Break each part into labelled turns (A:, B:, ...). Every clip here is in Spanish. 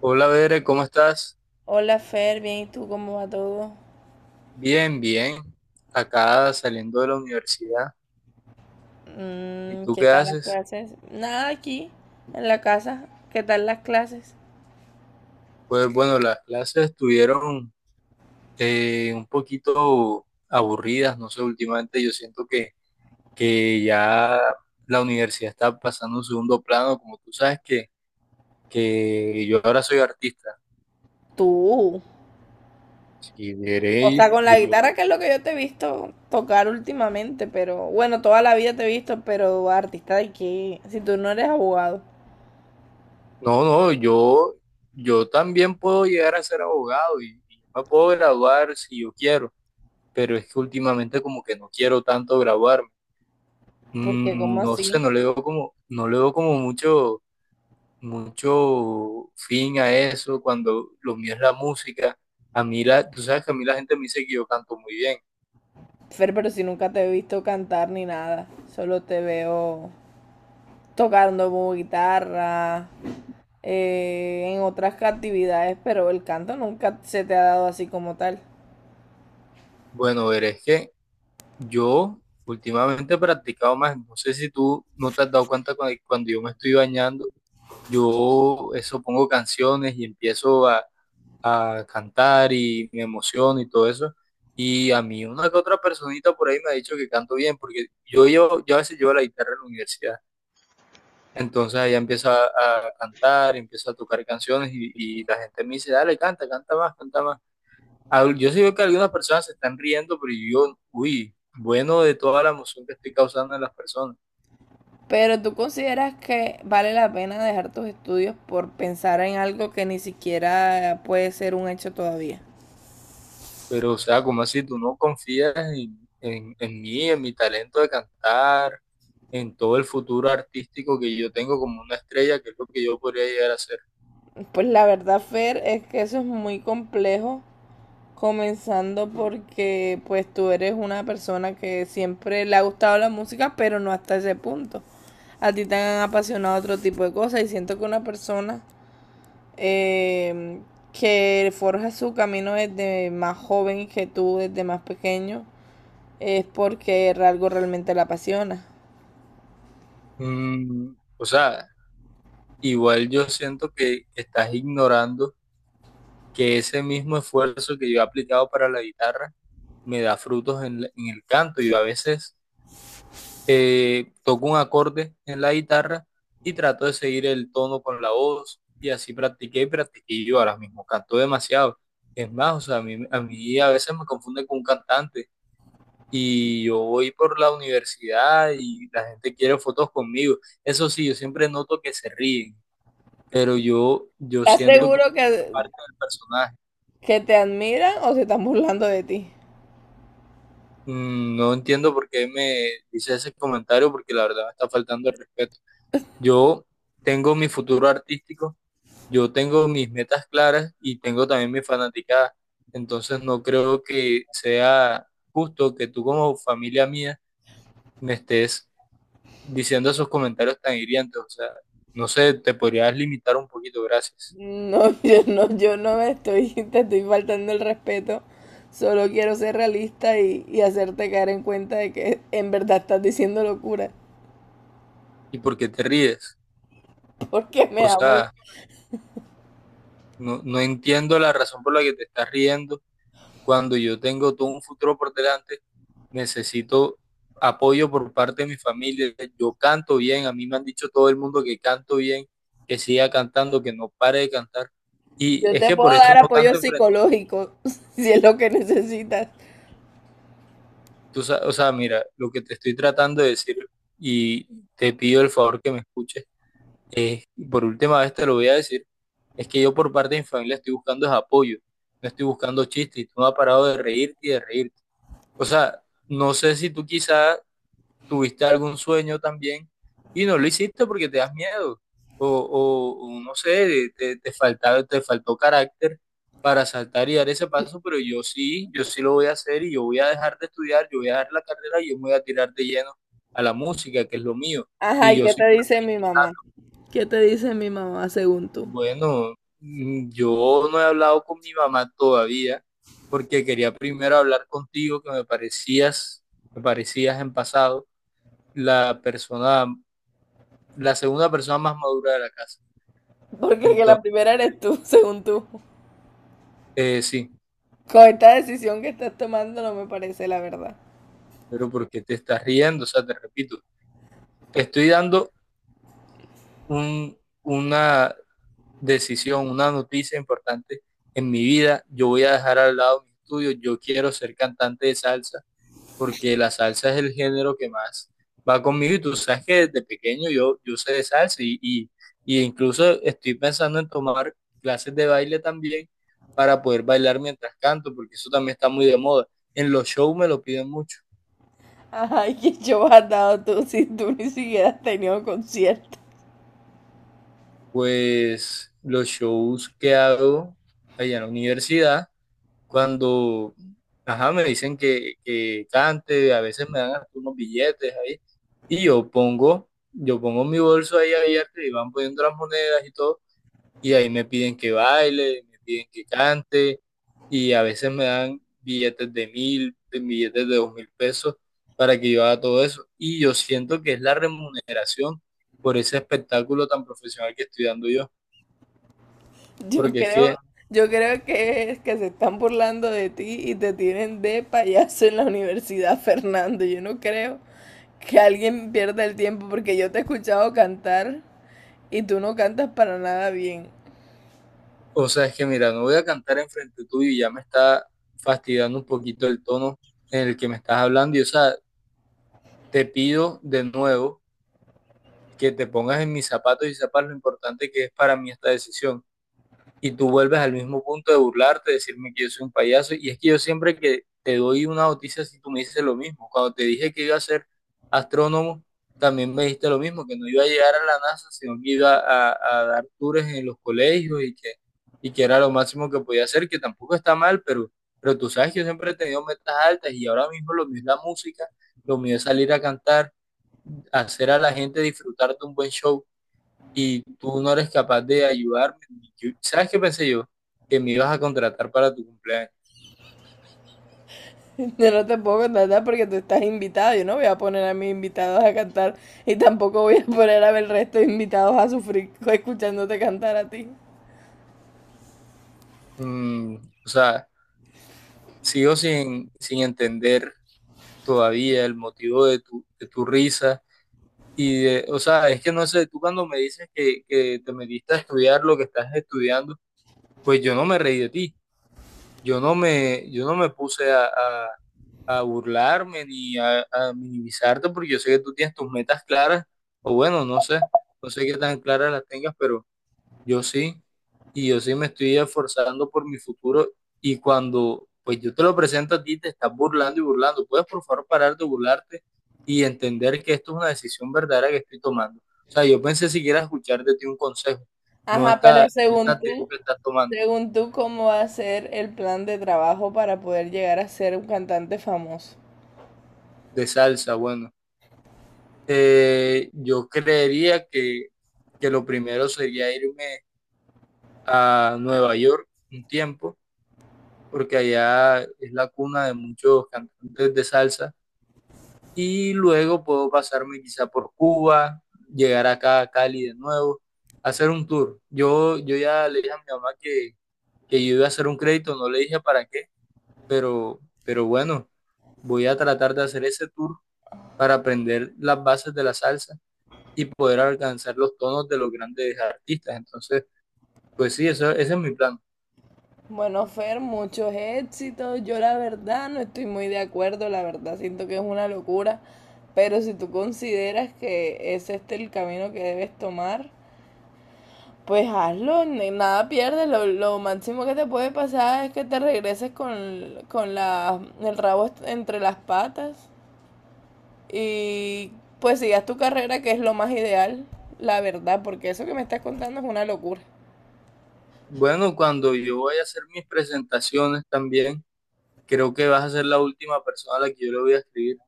A: Hola, Bere, ¿cómo estás?
B: Hola Fer, bien, ¿y tú cómo va todo?
A: Bien, bien. Acá saliendo de la universidad. ¿Y tú
B: ¿Qué
A: qué
B: tal las
A: haces?
B: clases? Nada aquí, en la casa. ¿Qué tal las clases?
A: Pues bueno, las clases estuvieron un poquito aburridas, no sé, últimamente yo siento que ya la universidad está pasando a un segundo plano, como tú sabes que yo ahora soy artista.
B: Tú.
A: Y
B: O
A: Bere,
B: sea, con la
A: yo,
B: guitarra, que es lo que yo te he visto tocar últimamente, pero bueno, toda la vida te he visto, pero artista de qué, si tú no eres abogado,
A: no, no, yo también puedo llegar a ser abogado y me puedo graduar si yo quiero. Pero es que últimamente como que no quiero tanto grabarme.
B: porque ¿cómo
A: Mm, no sé,
B: así?
A: no le veo no le veo como mucho fin a eso cuando lo mío es la música. A mí tú sabes que a mí la gente me dice que yo canto muy bien.
B: Fer, pero si nunca te he visto cantar ni nada, solo te veo tocando como guitarra, en otras actividades, pero el canto nunca se te ha dado así como tal.
A: Bueno, ver, es que yo últimamente he practicado más. No sé si tú no te has dado cuenta cuando yo me estoy bañando, yo eso pongo canciones y empiezo a cantar y me emociono y todo eso. Y a mí una que otra personita por ahí me ha dicho que canto bien, porque yo, yo a veces llevo la guitarra en la universidad. Entonces ella empieza a cantar, empieza a tocar canciones y la gente me dice, dale, canta, canta más, canta más. Ah, yo sí veo que algunas personas se están riendo, pero yo, uy, bueno, de toda la emoción que estoy causando en las personas.
B: Pero tú consideras que vale la pena dejar tus estudios por pensar en algo que ni siquiera puede ser un hecho todavía.
A: Pero, o sea, como así, tú no confías en mí, en mi talento de cantar en todo el futuro artístico que yo tengo como una estrella, que es lo que yo podría llegar a ser.
B: Pues la verdad, Fer, es que eso es muy complejo, comenzando porque pues tú eres una persona que siempre le ha gustado la música, pero no hasta ese punto. A ti te han apasionado otro tipo de cosas y siento que una persona eh, que forja su camino desde más joven que tú, desde más pequeño, es porque algo realmente la apasiona.
A: Mm, o sea, igual yo siento que estás ignorando que ese mismo esfuerzo que yo he aplicado para la guitarra me da frutos en el canto. Yo a veces toco un acorde en la guitarra y trato de seguir el tono con la voz, y así practiqué y practiqué, y yo ahora mismo canto demasiado. Es más, o sea, a mí a veces me confunde con un cantante, y yo voy por la universidad y la gente quiere fotos conmigo. Eso sí, yo siempre noto que se ríen, pero yo
B: ¿Estás
A: siento que es
B: seguro
A: parte del personaje.
B: que te admiran o se están burlando de ti?
A: Mm, no entiendo por qué me dice ese comentario, porque la verdad me está faltando el respeto. Yo tengo mi futuro artístico, yo tengo mis metas claras y tengo también mi fanaticada. Entonces no creo que sea justo que tú como familia mía me estés diciendo esos comentarios tan hirientes. O sea, no sé, te podrías limitar un poquito, gracias.
B: No, yo no, yo no me estoy, te estoy faltando el respeto. Solo quiero ser realista y, hacerte caer en cuenta de que en verdad estás diciendo locura.
A: ¿Y por qué te ríes?
B: Porque me
A: O
B: da muy-
A: sea, no, no entiendo la razón por la que te estás riendo cuando yo tengo todo un futuro por delante. Necesito apoyo por parte de mi familia. Yo canto bien, a mí me han dicho todo el mundo que canto bien, que siga cantando, que no pare de cantar. Y
B: Yo
A: es
B: te
A: que
B: puedo
A: por eso
B: dar
A: no
B: apoyo
A: canto enfrente.
B: psicológico si es lo que necesitas.
A: Tú, o sea, mira, lo que te estoy tratando de decir y te pido el favor que me escuches, Eh, por última vez te lo voy a decir, es que yo por parte de mi familia estoy buscando es apoyo, no estoy buscando chistes, y tú no has parado de reírte y de reírte. O sea, no sé si tú quizás tuviste algún sueño también y no lo hiciste porque te das miedo, o, o no sé, te faltaba, te faltó carácter para saltar y dar ese paso, pero yo sí, yo sí lo voy a hacer y yo voy a dejar de estudiar, yo voy a dejar la carrera y yo me voy a tirar de lleno a la música, que es lo mío,
B: Ajá,
A: y
B: ¿y
A: yo
B: qué
A: soy.
B: te dice mi mamá? ¿Qué te dice mi mamá según tú?
A: Bueno, mm, yo no he hablado con mi mamá todavía porque quería primero hablar contigo, que me parecías en pasado la persona, la segunda persona más madura de la casa.
B: Porque que la
A: Entonces,
B: primera eres tú, según tú.
A: sí,
B: Con esta decisión que estás tomando no me parece la verdad.
A: pero ¿por qué te estás riendo? O sea, te repito, te estoy dando un, una decisión, una noticia importante en mi vida. Yo voy a dejar al lado mis estudios, yo quiero ser cantante de salsa. Porque la salsa es el género que más va conmigo y tú sabes que desde pequeño yo, yo sé de salsa y incluso estoy pensando en tomar clases de baile también para poder bailar mientras canto, porque eso también está muy de moda. En los shows me lo piden mucho,
B: Ajá, ¿y qué show has dado tú si tú ni siquiera has tenido concierto?
A: pues los shows que hago allá en la universidad. Cuando, ajá, me dicen que cante, a veces me dan hasta unos billetes ahí, y yo pongo mi bolso ahí abierto y van poniendo las monedas y todo, y ahí me piden que baile, me piden que cante, y a veces me dan billetes de 1000, de billetes de 2000 pesos para que yo haga todo eso, y yo siento que es la remuneración por ese espectáculo tan profesional que estoy dando yo,
B: Yo
A: porque es
B: creo,
A: que...
B: yo creo que es que se están burlando de ti y te tienen de payaso en la universidad, Fernando. Yo no creo que alguien pierda el tiempo porque yo te he escuchado cantar y tú no cantas para nada bien.
A: O sea, es que mira, no voy a cantar enfrente tuyo y ya me está fastidiando un poquito el tono en el que me estás hablando. Y o sea, te pido de nuevo que te pongas en mis zapatos y sepas lo importante que es para mí esta decisión. Y tú vuelves al mismo punto de burlarte, decirme que yo soy un payaso. Y es que yo siempre que te doy una noticia, si tú me dices lo mismo. Cuando te dije que iba a ser astrónomo, también me dijiste lo mismo, que no iba a llegar a la NASA, sino que iba a dar tours en los colegios y que era lo máximo que podía hacer, que tampoco está mal, pero tú sabes que yo siempre he tenido metas altas y ahora mismo lo mío es la música, lo mío es salir a cantar, hacer a la gente disfrutar de un buen show y tú no eres capaz de ayudarme. ¿Sabes qué pensé yo? Que me ibas a contratar para tu cumpleaños.
B: Yo no te puedo contratar porque tú estás invitado. Yo no voy a poner a mis invitados a cantar y tampoco voy a poner a ver resto de invitados a sufrir escuchándote cantar a ti.
A: Mm, o sea, sigo sin entender todavía el motivo de tu risa. Y de, o sea, es que no sé, tú cuando me dices que te metiste a estudiar lo que estás estudiando, pues yo no me reí de ti. Yo no yo no me puse a burlarme ni a minimizarte, porque yo sé que tú tienes tus metas claras, o bueno, no sé, no sé qué tan claras las tengas, pero yo sí, y yo sí me estoy esforzando por mi futuro, y cuando pues yo te lo presento a ti te estás burlando y burlando. ¿Puedes por favor parar de burlarte y entender que esto es una decisión verdadera que estoy tomando? O sea, yo pensé siquiera escuchar de ti un consejo,
B: Ajá, pero
A: no esta actitud que estás tomando
B: según tú, ¿cómo va a ser el plan de trabajo para poder llegar a ser un cantante famoso?
A: de salsa, bueno. Yo creería que lo primero sería irme a Nueva York un tiempo, porque allá es la cuna de muchos cantantes de salsa y luego puedo pasarme quizá por Cuba, llegar acá a Cali de nuevo, hacer un tour. Yo ya le dije a mi mamá que yo iba a hacer un crédito, no le dije para qué, pero bueno, voy a tratar de hacer ese tour para aprender las bases de la salsa y poder alcanzar los tonos de los grandes artistas. Entonces, pues sí, eso, ese es mi plan.
B: Bueno, Fer, muchos éxitos. Yo la verdad no estoy muy de acuerdo, la verdad siento que es una locura, pero si tú consideras que ese es este el camino que debes tomar, pues hazlo, nada pierdes. Lo máximo que te puede pasar es que te regreses con, el rabo entre las patas y pues sigas tu carrera, que es lo más ideal, la verdad, porque eso que me estás contando es una locura.
A: Bueno, cuando yo voy a hacer mis presentaciones también, creo que vas a ser la última persona a la que yo le voy a escribir.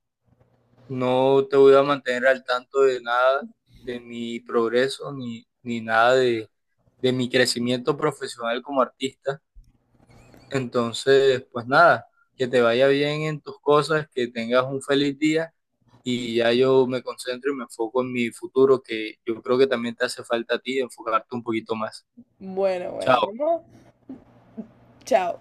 A: No te voy a mantener al tanto de nada de mi progreso ni nada de, de mi crecimiento profesional como artista. Entonces, pues nada, que te vaya bien en tus cosas, que tengas un feliz día y ya yo me concentro y me enfoco en mi futuro, que yo creo que también te hace falta a ti enfocarte un poquito más.
B: Bueno, bueno,
A: Chao.
B: vamos. Chao.